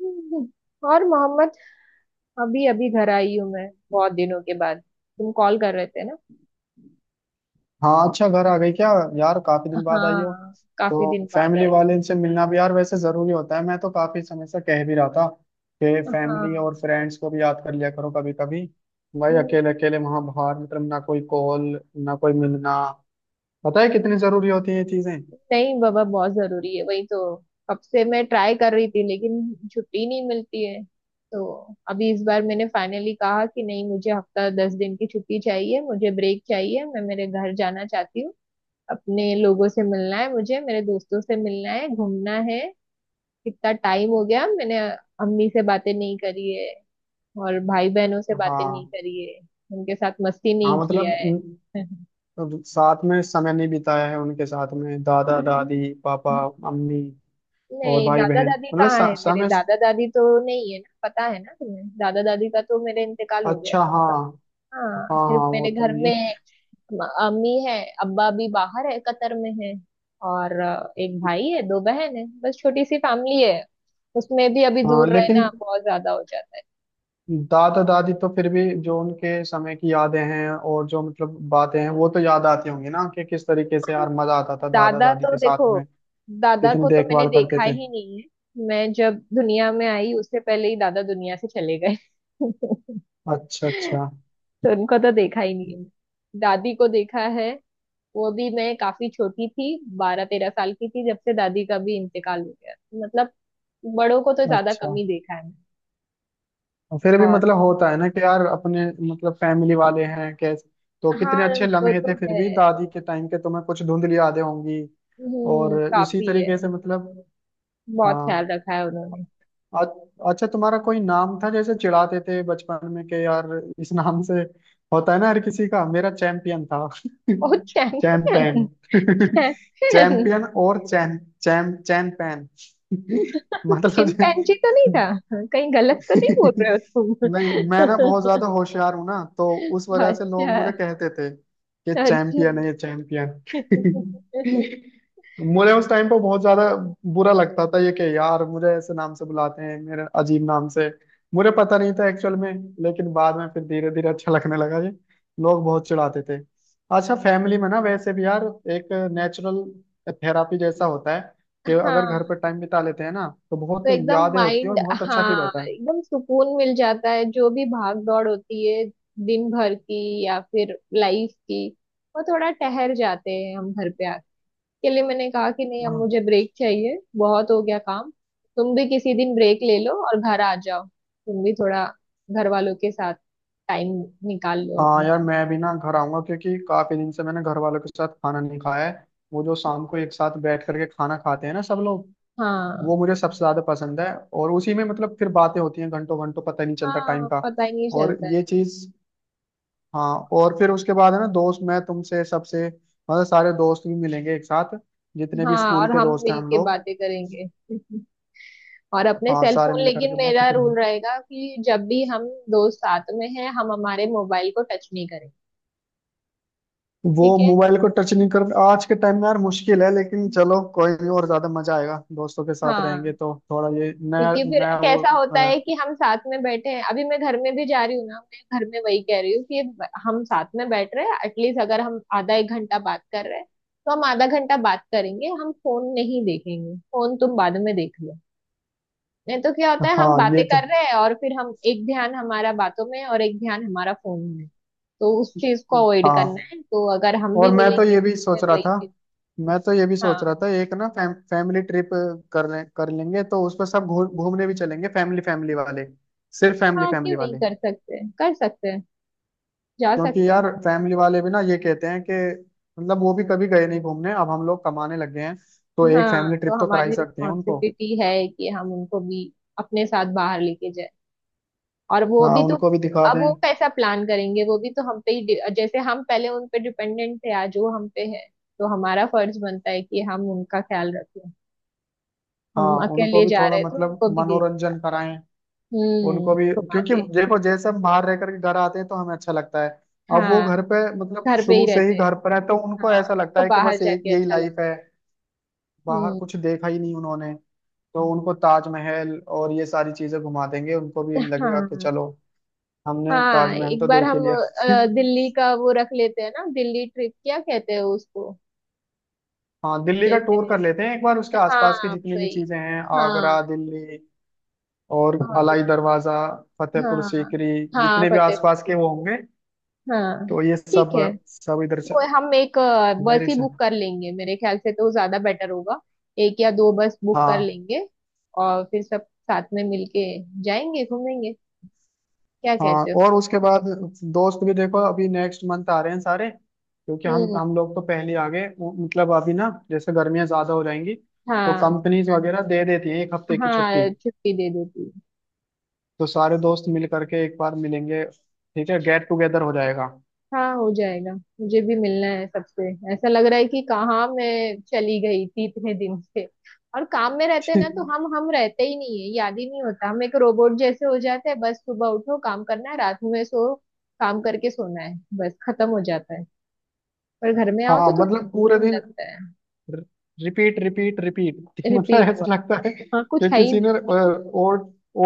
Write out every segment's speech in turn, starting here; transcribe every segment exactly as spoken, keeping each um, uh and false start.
हम्म। और मोहम्मद अभी अभी घर आई हूँ मैं बहुत दिनों के बाद। तुम कॉल कर रहे थे ना। हाँ, अच्छा घर आ गई क्या। यार काफी दिन बाद आई हो। हाँ काफी दिन तो बाद फैमिली आई। वाले से मिलना भी यार वैसे जरूरी होता है। मैं तो काफी समय से कह भी रहा था कि फैमिली हाँ। और फ्रेंड्स को भी याद कर लिया करो कभी कभी। भाई हम्म। अकेले अकेले वहां बाहर मतलब ना कोई कॉल, ना कोई मिलना। पता है कितनी जरूरी होती है ये चीजें। नहीं बाबा बहुत जरूरी है वही तो। कब से मैं ट्राई कर रही थी लेकिन छुट्टी नहीं मिलती है। तो अभी इस बार मैंने फाइनली कहा कि नहीं मुझे हफ्ता दस दिन की छुट्टी चाहिए, मुझे ब्रेक चाहिए, मैं मेरे घर जाना चाहती हूँ। अपने लोगों से मिलना है, मुझे मेरे दोस्तों से मिलना है, घूमना है। कितना टाइम हो गया मैंने अम्मी से बातें नहीं करी है और भाई बहनों से बातें नहीं हाँ करी है, उनके साथ मस्ती हाँ नहीं किया मतलब है। इन- अब साथ में समय नहीं बिताया है उनके साथ में, दादा दादी पापा मम्मी और नहीं, भाई दादा बहन दादी मतलब कहाँ है? सा- मेरे समय। दादा दादी तो नहीं है ना, पता है ना तुम्हें, दादा दादी का तो मेरे इंतकाल हो गया अच्छा कब हाँ। का। हाँ हाँ सिर्फ हाँ वो मेरे तो घर नहीं में म- अम्मी है। अब्बा भी बाहर है, कतर में है। और अ, एक है। भाई है, दो बहन है, बस छोटी सी फैमिली है। उसमें भी अभी हाँ दूर रहना लेकिन बहुत ज्यादा हो जाता है। दादा दादी तो फिर भी जो उनके समय की यादें हैं और जो मतलब बातें हैं वो तो याद आती होंगी ना कि किस तरीके से यार मजा आता था दादा दादा दादी तो के देखो, साथ में। दादा कितनी को तो मैंने देखभाल करते देखा थे। ही नहीं है। मैं जब दुनिया में आई उससे पहले ही दादा दुनिया से चले गए। अच्छा। अच्छा तो उनको तो देखा ही नहीं है। दादी को देखा है, वो भी मैं काफी छोटी थी। बारह तेरह साल की थी जब से दादी का भी इंतकाल हो गया। मतलब बड़ों को तो ज्यादा अच्छा कम ही देखा है मैंने। और फिर भी और मतलब होता है ना कि यार अपने मतलब फैमिली वाले हैं कैसे। तो कितने हाँ, अच्छे वो लम्हे थे, तो फिर है। भी दादी के टाइम के तुम्हें कुछ धुंधली यादें होंगी। और हम्म, इसी काफी है। तरीके से मतलब। बहुत हाँ। ख्याल रखा है उन्होंने। आ- अच्छा तुम्हारा कोई नाम था जैसे चिढ़ाते थे बचपन में कि यार इस नाम से, होता है ना हर किसी का, मेरा चैंपियन था। बहुत चैंपियन। चैन। चैंपियन और चैन चैम चैन पैन। मतलब। चिंपैंजी तो नहीं था? कहीं गलत तो नहीं बोल रहे हो नहीं मैं ना बहुत तुम? ज्यादा होशियार हूं ना, तो उस वजह से लोग मुझे अच्छा कहते थे कि अच्छा। चैंपियन है ये, चैंपियन। मुझे उस टाइम पर बहुत ज्यादा बुरा लगता था ये कि यार मुझे ऐसे नाम से बुलाते हैं, मेरे अजीब नाम से। मुझे पता नहीं था एक्चुअल में, लेकिन बाद में फिर धीरे धीरे अच्छा लगने लगा ये। लोग बहुत चिढ़ाते थे। अच्छा फैमिली में ना वैसे भी यार एक नेचुरल थेरापी जैसा होता है कि अगर घर हाँ पर टाइम बिता लेते हैं ना तो बहुत तो एकदम यादें होती है और माइंड। बहुत अच्छा फील हाँ होता है। एकदम सुकून मिल जाता है जो भी भाग दौड़ होती है दिन भर की या फिर लाइफ की। वो थोड़ा ठहर जाते हैं हम घर पे आके के लिए मैंने कहा कि नहीं अब हाँ। मुझे ब्रेक चाहिए, बहुत हो गया काम। तुम भी किसी दिन ब्रेक ले लो और घर आ जाओ, तुम भी थोड़ा घर वालों के साथ टाइम निकाल लो हाँ अपना। यार मैं भी ना घर आऊंगा, क्योंकि काफी दिन से मैंने घर वालों के साथ खाना नहीं खाया है। वो जो शाम को एक साथ बैठ करके खाना खाते हैं ना सब लोग, वो हाँ। मुझे सबसे ज्यादा पसंद है। और उसी में मतलब फिर बातें होती हैं घंटों घंटों, पता ही नहीं चलता टाइम हाँ का। पता ही नहीं और चलता ये है। चीज। हाँ और फिर उसके बाद है ना दोस्त, मैं तुमसे सबसे मतलब सारे दोस्त भी मिलेंगे एक साथ, जितने भी हाँ स्कूल और के हम दोस्त हैं हम मिलके लोग। बातें करेंगे। और अपने हाँ सेल सारे फोन, मिल करके लेकिन बातें मेरा करेंगे। रूल रहेगा कि जब भी हम दोस्त साथ में हैं हम हमारे मोबाइल को टच नहीं करें। वो ठीक है। मोबाइल को टच नहीं कर आज के टाइम में यार मुश्किल है, लेकिन चलो कोई नहीं, और ज्यादा मजा आएगा दोस्तों के साथ रहेंगे हाँ तो थोड़ा ये नया क्योंकि फिर नया वो। कैसा होता है अ, कि हम साथ में बैठे हैं। अभी मैं घर में भी जा रही हूँ ना, मैं घर में वही कह रही हूँ कि हम साथ में बैठ रहे हैं, एटलीस्ट अगर हम आधा एक घंटा बात कर रहे हैं तो हम आधा घंटा बात करेंगे, हम फोन नहीं देखेंगे, फोन तुम बाद में देख लो। नहीं तो क्या होता है हम हाँ ये बातें तो कर रहे हैं और फिर हम एक ध्यान हमारा बातों में है और एक ध्यान हमारा फोन में है। तो उस चीज को अवॉइड करना हाँ। है, तो अगर हम भी और मैं तो मिलेंगे ये भी सोच तो रहा वही था, चीज। मैं तो ये भी सोच हाँ। रहा था एक ना फैम, फैमिली ट्रिप कर ले, कर लेंगे तो उस पर सब घू, घूमने भी चलेंगे, फैमिली फैमिली वाले, सिर्फ फैमिली हाँ क्यों फैमिली नहीं वाले। कर सकते, कर सकते हैं, जा क्योंकि सकते यार हैं। फैमिली वाले भी ना ये कहते हैं कि मतलब वो भी कभी गए नहीं घूमने। अब हम लोग कमाने लग गए हैं, तो एक हाँ फैमिली ट्रिप तो तो करा ही हमारी सकते हैं उनको। रिस्पॉन्सिबिलिटी है कि हम उनको भी अपने साथ बाहर लेके जाए। और वो हाँ भी तो। उनको भी दिखा अब दें। वो कैसा प्लान करेंगे, वो भी तो हम पे ही डि- जैसे हम पहले उन पे डिपेंडेंट थे आज वो हम पे है। तो हमारा फर्ज बनता है कि हम उनका ख्याल रखें। हम हाँ उनको अकेले भी जा थोड़ा रहे तो मतलब उनको भी दे देता। मनोरंजन कराएं, हम्म। उनको भी। घुमा क्योंकि दे। देखो जैसे हम बाहर रह करके घर आते हैं तो हमें अच्छा लगता है। अब वो हाँ घर पे मतलब घर पे ही शुरू से ही रहते हैं। घर पर है, तो उनको ऐसा हाँ लगता तो है कि बाहर बस एक जाके यही अच्छा लाइफ लगेगा। है। बाहर हम्म। कुछ देखा ही नहीं उन्होंने। तो उनको ताजमहल और ये सारी चीजें घुमा देंगे, उनको भी लगेगा कि हाँ। चलो हमने हाँ ताजमहल एक तो बार देख ही हम लिया। अ, दिल्ली का वो रख लेते हैं ना, दिल्ली ट्रिप क्या कहते हैं उसको। हाँ दिल्ली का जैसे। टूर कर लेते हैं एक बार, उसके आसपास की हाँ जितनी भी वही। चीजें हैं हाँ। आगरा दिल्ली और अलाई और। दरवाजा, फतेहपुर हाँ। सीकरी, हाँ जितने भी फतेहपुर आसपास के सीकरी। वो होंगे, हाँ तो ये सब ठीक है। सब इधर से वो हम एक अ, बस मेरे ही से। बुक कर लेंगे, मेरे ख्याल से तो ज्यादा बेटर होगा। एक या दो बस बुक कर हाँ। लेंगे और फिर सब साथ में मिलके जाएंगे घूमेंगे। क्या हाँ कहते हो? और उसके बाद दोस्त भी देखो अभी नेक्स्ट मंथ आ रहे हैं सारे, क्योंकि हम हम्म। हम लोग तो पहले आ गए वो- मतलब अभी ना जैसे गर्मियां ज्यादा हो जाएंगी तो हाँ। कंपनीज वगैरह दे देती हैं एक हफ्ते की छुट्टी, हाँ छुट्टी दे देती। तो सारे दोस्त मिल करके एक बार मिलेंगे, ठीक है गेट टुगेदर हो जाएगा। हाँ हो जाएगा। मुझे भी मिलना है सबसे। ऐसा लग रहा है कि कहाँ मैं चली गई थी इतने दिन से। और काम में रहते हैं ना तो हम हम रहते ही नहीं है, याद ही नहीं होता। हम एक रोबोट जैसे हो जाते हैं, बस सुबह उठो काम करना है रात में सो काम करके सोना है। बस खत्म हो जाता है। पर घर में आओ हाँ तो थोड़ा मतलब पूरे सुकून दिन लगता है। Repeat repeat repeat. मतलब रिपीट वर्क। ऐसा लगता है हाँ कि कुछ है ही किसी ने नहीं।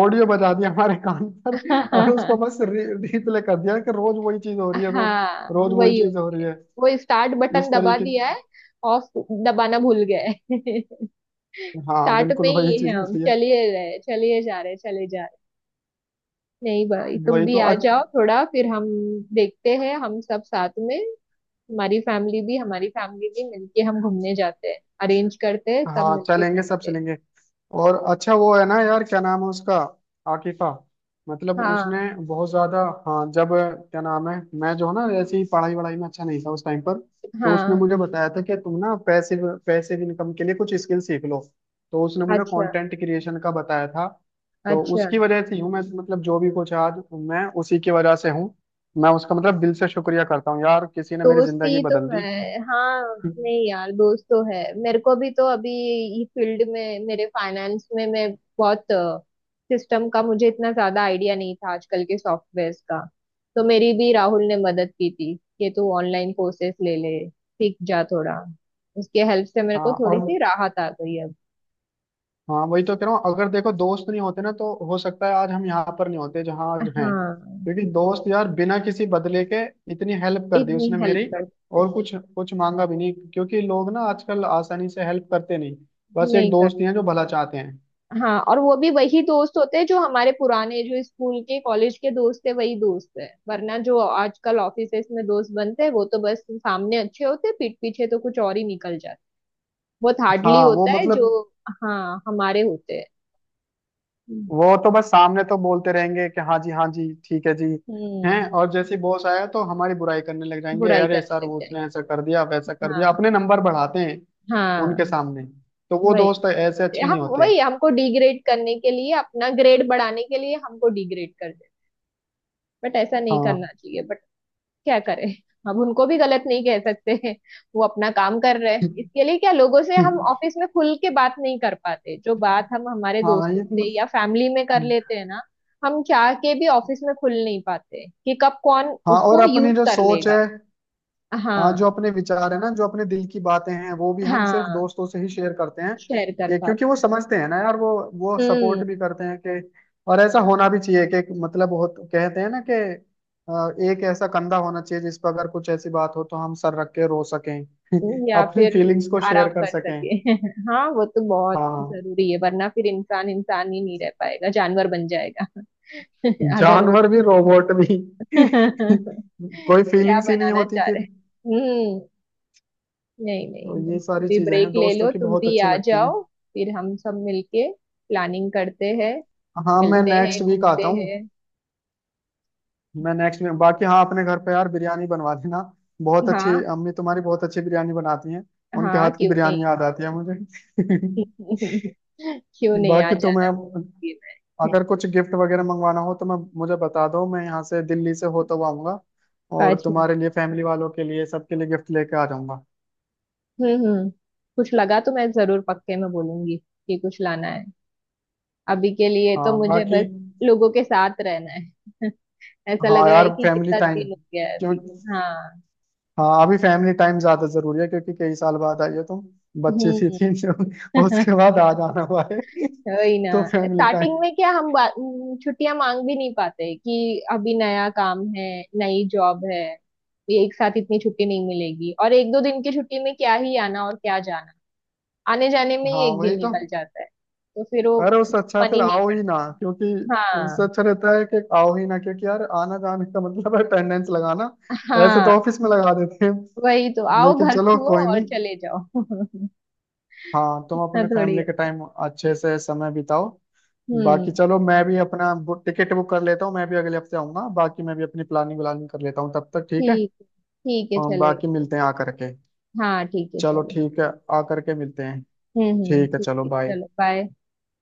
ऑडियो बजा दिया हमारे कान पर और उसको हाँ। बस रिप्ले कर दिया, कि रोज वही चीज हो रही है, रोज हाँ रोज वही वही चीज हो होती रही है। है। वो स्टार्ट इस बटन दबा तरीके दिया की। है, ऑफ दबाना भूल गए। हाँ स्टार्ट में बिल्कुल वही ही है चीज हम, होती है। चलिए रहे चलिए जा रहे चले जा रहे। नहीं भाई तुम वही भी तो आ जाओ अच्छा। थोड़ा, फिर हम देखते हैं हम सब साथ में। हमारी फैमिली भी हमारी फैमिली भी मिलके हम घूमने जाते हैं, अरेंज करते हैं, सब हाँ मिलके चलेंगे सब घूमते हैं। चलेंगे। और अच्छा वो है ना यार, क्या नाम है उसका, आकिफा। मतलब उसने हाँ। बहुत ज्यादा, हाँ जब, क्या नाम है, मैं जो है ना ऐसे ही पढ़ाई वढ़ाई में अच्छा नहीं था उस टाइम पर, तो उसने हाँ। मुझे बताया था कि तुम ना पैसिव पैसिव इनकम के लिए कुछ स्किल सीख लो। तो उसने मुझे अच्छा। कंटेंट क्रिएशन का बताया था। तो अच्छा। उसकी वजह से ही हूँ मैं, मतलब जो भी कुछ आज मैं, उसी की वजह से हूँ। मैं उसका मतलब दिल से शुक्रिया करता हूँ यार, किसी ने मेरी जिंदगी दोस्ती तो बदल दी। है हाँ। नहीं यार दोस्त तो है मेरे को भी तो अभी। ये फील्ड में मेरे फाइनेंस में मैं बहुत सिस्टम का मुझे इतना ज्यादा आइडिया नहीं था आजकल के सॉफ्टवेयर का। तो मेरी भी राहुल ने मदद की थी कि तू ऑनलाइन कोर्सेस ले ले सीख जा थोड़ा। उसके हेल्प से मेरे को हाँ थोड़ी और सी राहत आ गई अब। हाँ वही तो कह रहा हूँ, अगर देखो दोस्त नहीं होते ना तो हो सकता है आज हम यहाँ पर नहीं होते जहाँ आज हैं। हाँ। क्योंकि दोस्त यार बिना किसी बदले के इतनी हेल्प कर दी इतनी उसने हेल्प मेरी। कर सकते और हैं। कुछ कुछ मांगा भी नहीं, क्योंकि लोग ना आजकल आसानी से हेल्प करते नहीं, बस एक नहीं कर। दोस्त ही हैं जो भला चाहते हैं। हाँ और वो भी वही दोस्त होते हैं जो हमारे पुराने, जो स्कूल के कॉलेज के दोस्त है वही दोस्त है, वरना जो आजकल ऑफिसेस में दोस्त बनते हैं वो तो बस सामने अच्छे होते हैं, पीठ पीछे तो कुछ और ही निकल जाता है। बहुत हार्डली हाँ वो होता है मतलब जो। हाँ हमारे होते हैं। हम्म। वो तो बस सामने तो बोलते रहेंगे कि हाँ जी हाँ जी ठीक है जी हैं, हम्म। और जैसे बॉस आया तो हमारी बुराई करने लग जाएंगे, बुराई अरे करने सर लग वो जाएंगे। उसने ऐसा कर दिया वैसा कर दिया, हाँ। अपने नंबर बढ़ाते हैं उनके हाँ सामने। तो वो दोस्त वही। ऐसे अच्छे नहीं हम होते। वही हमको डिग्रेड करने के लिए अपना ग्रेड बढ़ाने के लिए हमको डिग्रेड कर दे। बट ऐसा नहीं करना हाँ। चाहिए। क्या करें, हम उनको भी गलत नहीं कह सकते हैं, वो अपना काम कर रहे हैं इसके लिए। क्या लोगों से हम ऑफिस में खुल के बात नहीं कर पाते जो बात हम हमारे हाँ दोस्तों ये से तो- या फैमिली में कर लेते हैं ना। हम चाह के भी ऑफिस में खुल नहीं पाते कि कब कौन हाँ और उसको यूज अपनी जो कर सोच है, लेगा। हाँ जो हाँ। अपने विचार है ना, जो अपने दिल की बातें हैं वो भी हम सिर्फ हाँ। दोस्तों से ही शेयर करते हैं। शेयर कर कि- क्योंकि वो पाते। समझते हैं ना यार, वो वो हम्म। सपोर्ट भी करते हैं कि। और ऐसा होना भी चाहिए कि मतलब बहुत कहते हैं ना कि अ, एक ऐसा कंधा होना चाहिए जिस पर अगर कुछ ऐसी बात हो तो हम सर रख के रो सकें। या अपनी फिर फीलिंग्स को आराम शेयर कर कर सकें। सके। हाँ वो तो बहुत हाँ जरूरी है, वरना फिर इंसान इंसान ही नहीं रह पाएगा, जानवर बन जाएगा। अगर वो। जानवर भी रोबोट भी। कोई क्या फीलिंग्स ही नहीं बनाना होती चाह रहे फिर। हैं? हम्म। नहीं नहीं तो नहीं ये तुम सारी भी चीजें ब्रेक हैं ले दोस्तों लो, की, तुम बहुत भी अच्छी आ लगती हैं। जाओ, फिर हम सब मिलके प्लानिंग करते हैं, हाँ मैं मिलते हैं नेक्स्ट वीक आता घूमते हूँ। हैं। मैं नेक्स्ट में बाकी, हाँ अपने घर पे यार बिरयानी बनवा देना, बहुत अच्छी हाँ। अम्मी तुम्हारी बहुत अच्छी बिरयानी बनाती हैं, उनके हाँ हाथ की क्यों नहीं। बिरयानी याद आती है मुझे। क्यों नहीं, आ बाकी तो मैं जाना। ये मैं। अगर कुछ गिफ्ट वगैरह मंगवाना हो तो मैं मुझे बता दो, मैं यहाँ से दिल्ली से होता हुआ आऊंगा और अच्छा। तुम्हारे लिए फैमिली वालों के लिए सबके लिए गिफ्ट लेके आ जाऊंगा। हम्म। हम्म। कुछ लगा तो मैं जरूर पक्के में बोलूंगी कि कुछ लाना है, अभी के लिए तो हाँ मुझे बाकी। बस लोगों के साथ रहना है। ऐसा लग हाँ रहा यार है कि फैमिली कितना टाइम, दिन हो गया है क्यों। अभी। हाँ। हाँ अभी फैमिली टाइम ज्यादा जरूरी है, क्योंकि कई साल बाद आई हो तुम, बच्चे सी हम्म। थी जो, उसके बाद आ जाना हुआ है। वही ना। तो फैमिली स्टार्टिंग टाइम। में क्या हम बा- छुट्टियां मांग भी नहीं पाते कि अभी नया काम है, नई जॉब है, ये एक साथ इतनी छुट्टी नहीं मिलेगी और एक दो दिन की छुट्टी में क्या ही आना और क्या जाना। आने जाने में ही हाँ एक दिन वही तो। निकल जाता है तो फिर वो अरे उससे अच्छा मन फिर ही नहीं आओ ही ना, करता। क्योंकि उससे हाँ। अच्छा रहता है कि आओ ही ना, क्योंकि यार आना जाने का मतलब है अटेंडेंस लगाना, ऐसे हाँ तो ऑफिस में लगा देते हैं। वही तो। आओ लेकिन घर चलो छुओ कोई और नहीं। चले जाओ। हाँ तुम इतना अपने थोड़ी फैमिली के होता है। टाइम अच्छे से समय बिताओ। बाकी हम्म। चलो मैं भी अपना टिकट बुक कर लेता हूँ, मैं भी अगले हफ्ते आऊंगा, बाकी मैं भी अपनी प्लानिंग व्लानिंग कर लेता हूँ तब तक, ठीक है। ठीक है। ठीक है और बाकी चलेगा। मिलते हैं आकर के। हाँ ठीक है चलो चलो। ठीक है, आकर के मिलते हैं। हम्म हम्म ठीक है ठीक चलो, है। बाय। चलो बाय।